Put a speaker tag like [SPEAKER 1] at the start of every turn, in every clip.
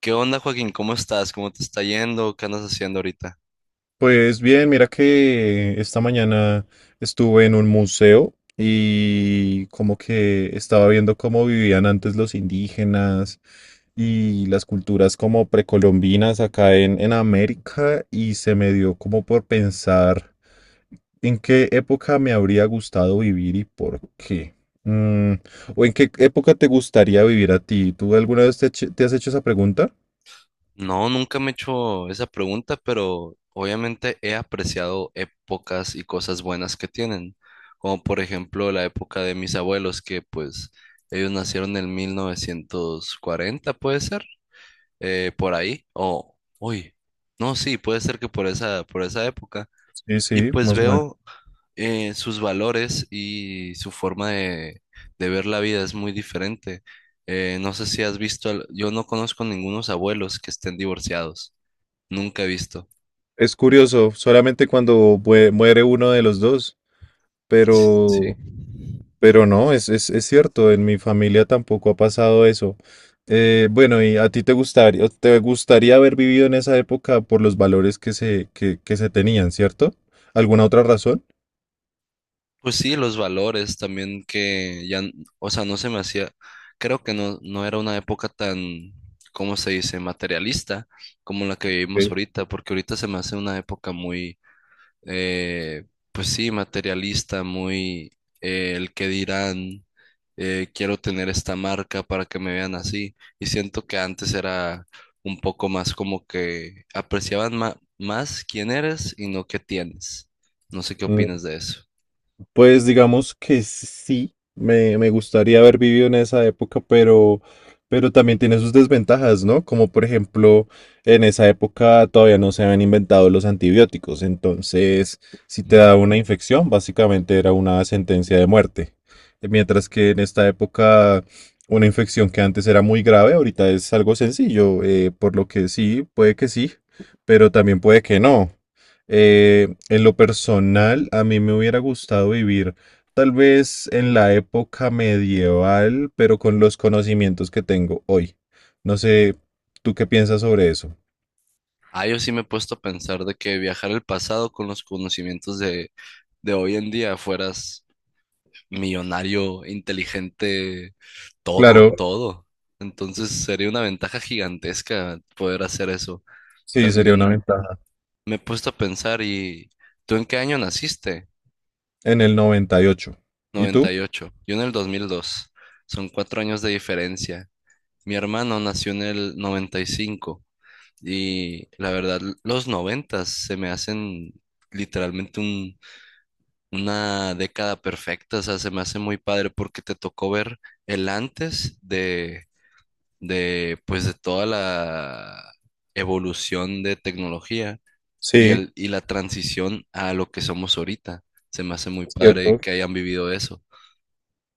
[SPEAKER 1] ¿Qué onda, Joaquín? ¿Cómo estás? ¿Cómo te está yendo? ¿Qué andas haciendo ahorita?
[SPEAKER 2] Pues bien, mira que esta mañana estuve en un museo y como que estaba viendo cómo vivían antes los indígenas y las culturas como precolombinas acá en América y se me dio como por pensar en qué época me habría gustado vivir y por qué. Mm, o en qué época te gustaría vivir a ti. ¿Tú alguna vez te has hecho esa pregunta?
[SPEAKER 1] No, nunca me he hecho esa pregunta, pero obviamente he apreciado épocas y cosas buenas que tienen, como por ejemplo la época de mis abuelos, que pues ellos nacieron en 1940, puede ser. Por ahí, o, uy, no, sí, puede ser que por esa época.
[SPEAKER 2] Sí,
[SPEAKER 1] Y
[SPEAKER 2] sí,
[SPEAKER 1] pues
[SPEAKER 2] más o...
[SPEAKER 1] veo sus valores y su forma de ver la vida es muy diferente. No sé si has visto, yo no conozco ningunos abuelos que estén divorciados, nunca he visto.
[SPEAKER 2] Es curioso, solamente cuando muere uno de los dos,
[SPEAKER 1] Sí.
[SPEAKER 2] pero, pero no, es cierto, en mi familia tampoco ha pasado eso. Bueno, ¿y a ti te gustaría haber vivido en esa época por los valores que se tenían, cierto? ¿Alguna otra razón?
[SPEAKER 1] Pues sí, los valores también que ya, o sea, no se me hacía, creo que no, no era una época tan, ¿cómo se dice?, materialista como la que vivimos
[SPEAKER 2] Sí.
[SPEAKER 1] ahorita, porque ahorita se me hace una época muy eh, pues sí, materialista, muy el que dirán, quiero tener esta marca para que me vean así. Y siento que antes era un poco más como que apreciaban más quién eres y no qué tienes. No sé qué opinas de eso.
[SPEAKER 2] Pues digamos que sí, me gustaría haber vivido en esa época, pero también tiene sus desventajas, ¿no? Como por ejemplo, en esa época todavía no se habían inventado los antibióticos, entonces si te daba una infección, básicamente era una sentencia de muerte. Mientras que en esta época una infección que antes era muy grave, ahorita es algo sencillo, por lo que sí, puede que sí, pero también puede que no. En lo personal, a mí me hubiera gustado vivir tal vez en la época medieval, pero con los conocimientos que tengo hoy. No sé, ¿tú qué piensas sobre eso?
[SPEAKER 1] Ah, yo sí me he puesto a pensar de que viajar al pasado con los conocimientos de hoy en día fueras millonario, inteligente, todo,
[SPEAKER 2] Claro,
[SPEAKER 1] todo. Entonces sería una ventaja gigantesca poder hacer eso.
[SPEAKER 2] sí, sería una
[SPEAKER 1] También
[SPEAKER 2] ventaja.
[SPEAKER 1] me he puesto a pensar y ¿tú en qué año naciste?
[SPEAKER 2] En el 98. ¿Y ocho? ¿Y
[SPEAKER 1] noventa
[SPEAKER 2] tú?
[SPEAKER 1] y ocho Yo en el 2002. Son 4 años de diferencia. Mi hermano nació en el 95 y la verdad los noventas se me hacen literalmente una década perfecta. O sea, se me hace muy padre porque te tocó ver el antes de pues de toda la evolución de tecnología y,
[SPEAKER 2] Sí,
[SPEAKER 1] y la transición a lo que somos ahorita. Se me hace muy
[SPEAKER 2] es
[SPEAKER 1] padre
[SPEAKER 2] cierto.
[SPEAKER 1] que hayan vivido eso.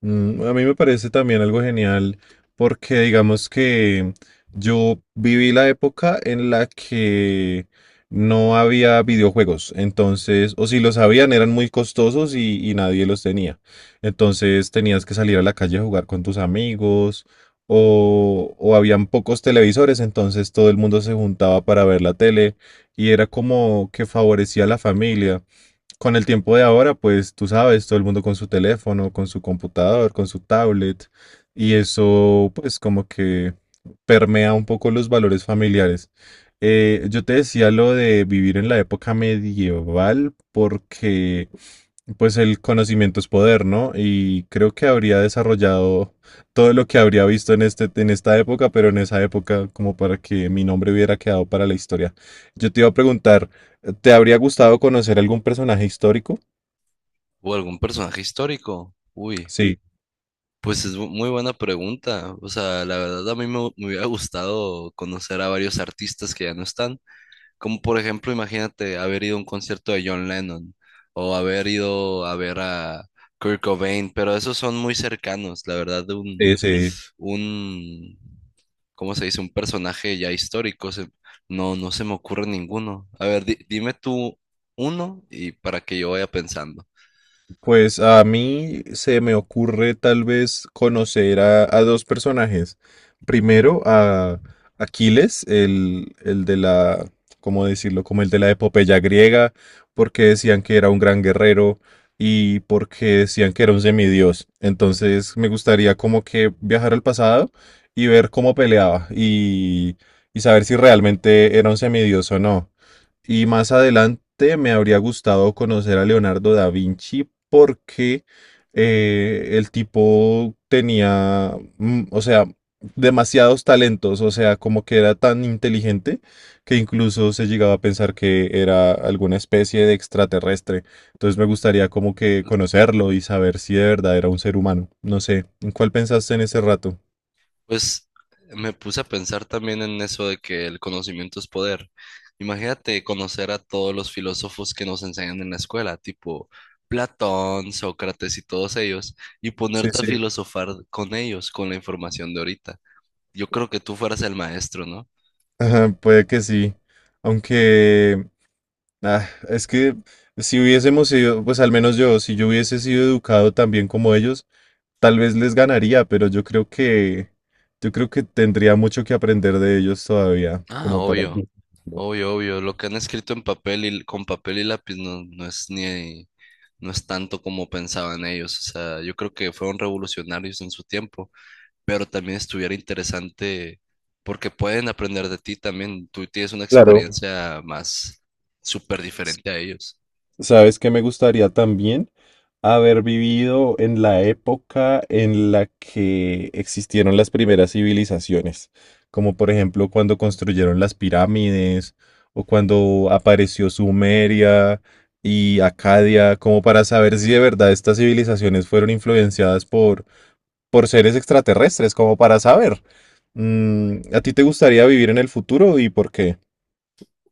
[SPEAKER 2] Mm, a mí me parece también algo genial porque digamos que yo viví la época en la que no había videojuegos, entonces, o si los habían eran muy costosos y nadie los tenía. Entonces tenías que salir a la calle a jugar con tus amigos o habían pocos televisores, entonces todo el mundo se juntaba para ver la tele y era como que favorecía a la familia. Con el tiempo de ahora, pues tú sabes, todo el mundo con su teléfono, con su computador, con su tablet, y eso pues como que permea un poco los valores familiares. Yo te decía lo de vivir en la época medieval porque pues el conocimiento es poder, ¿no? Y creo que habría desarrollado todo lo que habría visto en esta época, pero en esa época como para que mi nombre hubiera quedado para la historia. Yo te iba a preguntar, ¿te habría gustado conocer algún personaje histórico?
[SPEAKER 1] ¿O algún personaje histórico? Uy,
[SPEAKER 2] Sí,
[SPEAKER 1] pues es muy buena pregunta. O sea, la verdad a mí me, me hubiera gustado conocer a varios artistas que ya no están. Como por ejemplo, imagínate haber ido a un concierto de John Lennon o haber ido a ver a Kurt Cobain, pero esos son muy cercanos, la verdad, de
[SPEAKER 2] sí, sí.
[SPEAKER 1] un, ¿cómo se dice? Un personaje ya histórico. No, no se me ocurre ninguno. A ver, dime tú uno y para que yo vaya pensando.
[SPEAKER 2] Pues a mí se me ocurre tal vez conocer a dos personajes. Primero a Aquiles, el de la, ¿cómo decirlo? Como el de la epopeya griega, porque decían que era un gran guerrero y porque decían que era un semidios. Entonces me gustaría como que viajar al pasado y ver cómo peleaba y saber si realmente era un semidios o no. Y más adelante me habría gustado conocer a Leonardo da Vinci porque el tipo tenía, mm, o sea, demasiados talentos, o sea, como que era tan inteligente que incluso se llegaba a pensar que era alguna especie de extraterrestre. Entonces me gustaría como que conocerlo y saber si de verdad era un ser humano. No sé, ¿en cuál pensaste en ese rato?
[SPEAKER 1] Pues me puse a pensar también en eso de que el conocimiento es poder. Imagínate conocer a todos los filósofos que nos enseñan en la escuela, tipo Platón, Sócrates y todos ellos, y
[SPEAKER 2] Sí,
[SPEAKER 1] ponerte a
[SPEAKER 2] sí.
[SPEAKER 1] filosofar con ellos, con la información de ahorita. Yo creo que tú fueras el maestro, ¿no?
[SPEAKER 2] Ajá, puede que sí. Aunque... Es que si hubiésemos sido, pues al menos yo, si yo hubiese sido educado también como ellos, tal vez les ganaría, pero yo creo que tendría mucho que aprender de ellos todavía,
[SPEAKER 1] Ah,
[SPEAKER 2] como para...
[SPEAKER 1] obvio. Obvio, obvio, lo que han escrito en papel y con papel y lápiz no, no es ni no es tanto como pensaban ellos. O sea, yo creo que fueron revolucionarios en su tiempo, pero también estuviera interesante porque pueden aprender de ti también. Tú tienes una
[SPEAKER 2] Claro.
[SPEAKER 1] experiencia más súper diferente a ellos.
[SPEAKER 2] ¿Sabes que me gustaría también? Haber vivido en la época en la que existieron las primeras civilizaciones, como por ejemplo cuando construyeron las pirámides o cuando apareció Sumeria y Acadia, como para saber si de verdad estas civilizaciones fueron influenciadas por seres extraterrestres, como para saber. Mm, ¿a ti te gustaría vivir en el futuro y por qué?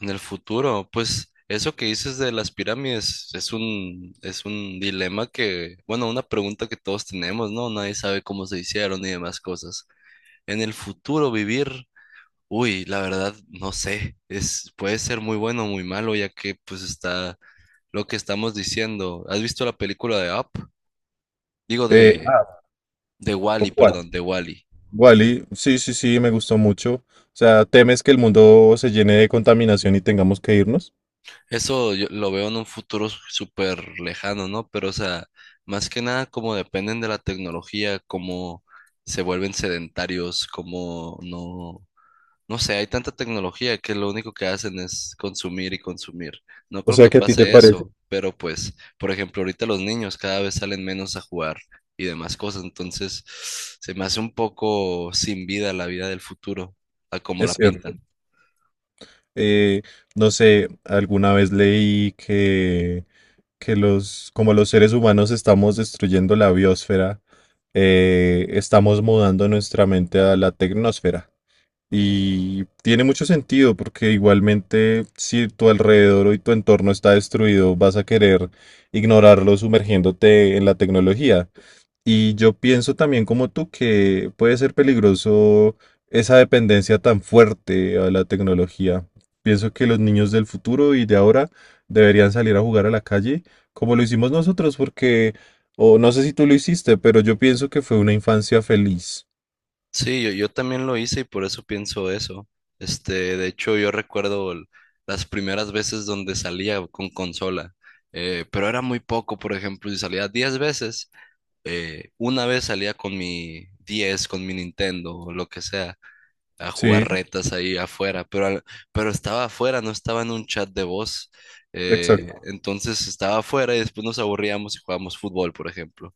[SPEAKER 1] En el futuro, pues eso que dices de las pirámides es un dilema que, bueno, una pregunta que todos tenemos, ¿no? Nadie sabe cómo se hicieron y demás cosas. En el futuro vivir uy, la verdad, no sé, es, puede ser muy bueno o muy malo, ya que pues está lo que estamos diciendo. ¿Has visto la película de Up? Digo
[SPEAKER 2] Eh,
[SPEAKER 1] de
[SPEAKER 2] ¿O
[SPEAKER 1] Wall-E,
[SPEAKER 2] cuál?
[SPEAKER 1] perdón, de Wall-E.
[SPEAKER 2] Wally, sí, sí, sí, me gustó mucho. O sea, ¿temes que el mundo se llene de contaminación y tengamos que irnos?
[SPEAKER 1] Eso yo lo veo en un futuro súper lejano, ¿no? Pero, o sea, más que nada, como dependen de la tecnología, cómo se vuelven sedentarios, cómo no. No sé, hay tanta tecnología que lo único que hacen es consumir y consumir. No
[SPEAKER 2] O
[SPEAKER 1] creo
[SPEAKER 2] sea,
[SPEAKER 1] que
[SPEAKER 2] ¿qué a ti te
[SPEAKER 1] pase
[SPEAKER 2] parece?
[SPEAKER 1] eso, pero pues, por ejemplo, ahorita los niños cada vez salen menos a jugar y demás cosas, entonces se me hace un poco sin vida la vida del futuro, a como
[SPEAKER 2] Es
[SPEAKER 1] la
[SPEAKER 2] cierto.
[SPEAKER 1] pintan.
[SPEAKER 2] Eh, no sé, alguna vez leí que como los seres humanos estamos destruyendo la biosfera, estamos mudando nuestra mente a la tecnosfera. Y tiene mucho sentido porque igualmente si tu alrededor y tu entorno está destruido, vas a querer ignorarlo sumergiéndote en la tecnología. Y yo pienso también como tú que puede ser peligroso esa dependencia tan fuerte a la tecnología. Pienso que los niños del futuro y de ahora deberían salir a jugar a la calle como lo hicimos nosotros, porque, o no sé si tú lo hiciste, pero yo pienso que fue una infancia feliz.
[SPEAKER 1] Sí, yo también lo hice y por eso pienso eso. Este, de hecho, yo recuerdo las primeras veces donde salía con consola, pero era muy poco, por ejemplo, si salía 10 veces. Una vez salía con mi 10 con mi Nintendo o lo que sea, a
[SPEAKER 2] Sí,
[SPEAKER 1] jugar retas ahí afuera, pero, pero estaba afuera, no estaba en un chat de voz.
[SPEAKER 2] exacto.
[SPEAKER 1] Entonces estaba afuera y después nos aburríamos y jugábamos fútbol, por ejemplo.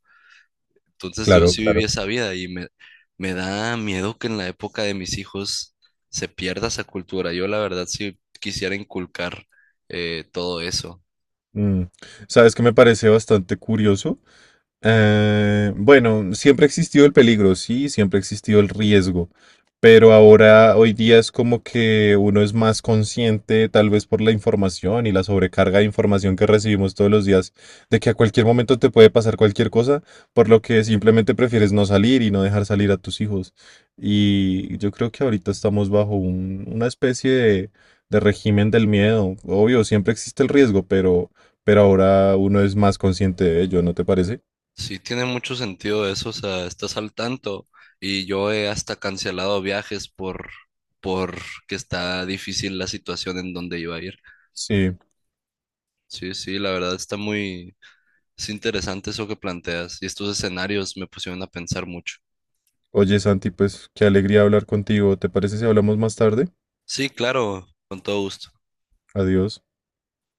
[SPEAKER 1] Entonces yo
[SPEAKER 2] Claro,
[SPEAKER 1] sí viví
[SPEAKER 2] claro.
[SPEAKER 1] esa vida y me da miedo que en la época de mis hijos se pierda esa cultura. Yo la verdad sí quisiera inculcar todo eso.
[SPEAKER 2] Mm. ¿Sabes qué me parece bastante curioso? Bueno, siempre existió el peligro, sí, siempre existió el riesgo, pero ahora, hoy día es como que uno es más consciente, tal vez por la información y la sobrecarga de información que recibimos todos los días, de que a cualquier momento te puede pasar cualquier cosa, por lo que simplemente prefieres no salir y no dejar salir a tus hijos. Y yo creo que ahorita estamos bajo una especie de régimen del miedo. Obvio, siempre existe el riesgo, pero ahora uno es más consciente de ello, ¿no te parece?
[SPEAKER 1] Sí, tiene mucho sentido eso, o sea, estás al tanto y yo he hasta cancelado viajes por que está difícil la situación en donde iba a ir.
[SPEAKER 2] Sí.
[SPEAKER 1] Sí, sí, la verdad está muy es interesante eso que planteas y estos escenarios me pusieron a pensar mucho.
[SPEAKER 2] Oye, Santi, pues qué alegría hablar contigo. ¿Te parece si hablamos más tarde?
[SPEAKER 1] Sí, claro, con todo gusto.
[SPEAKER 2] Adiós.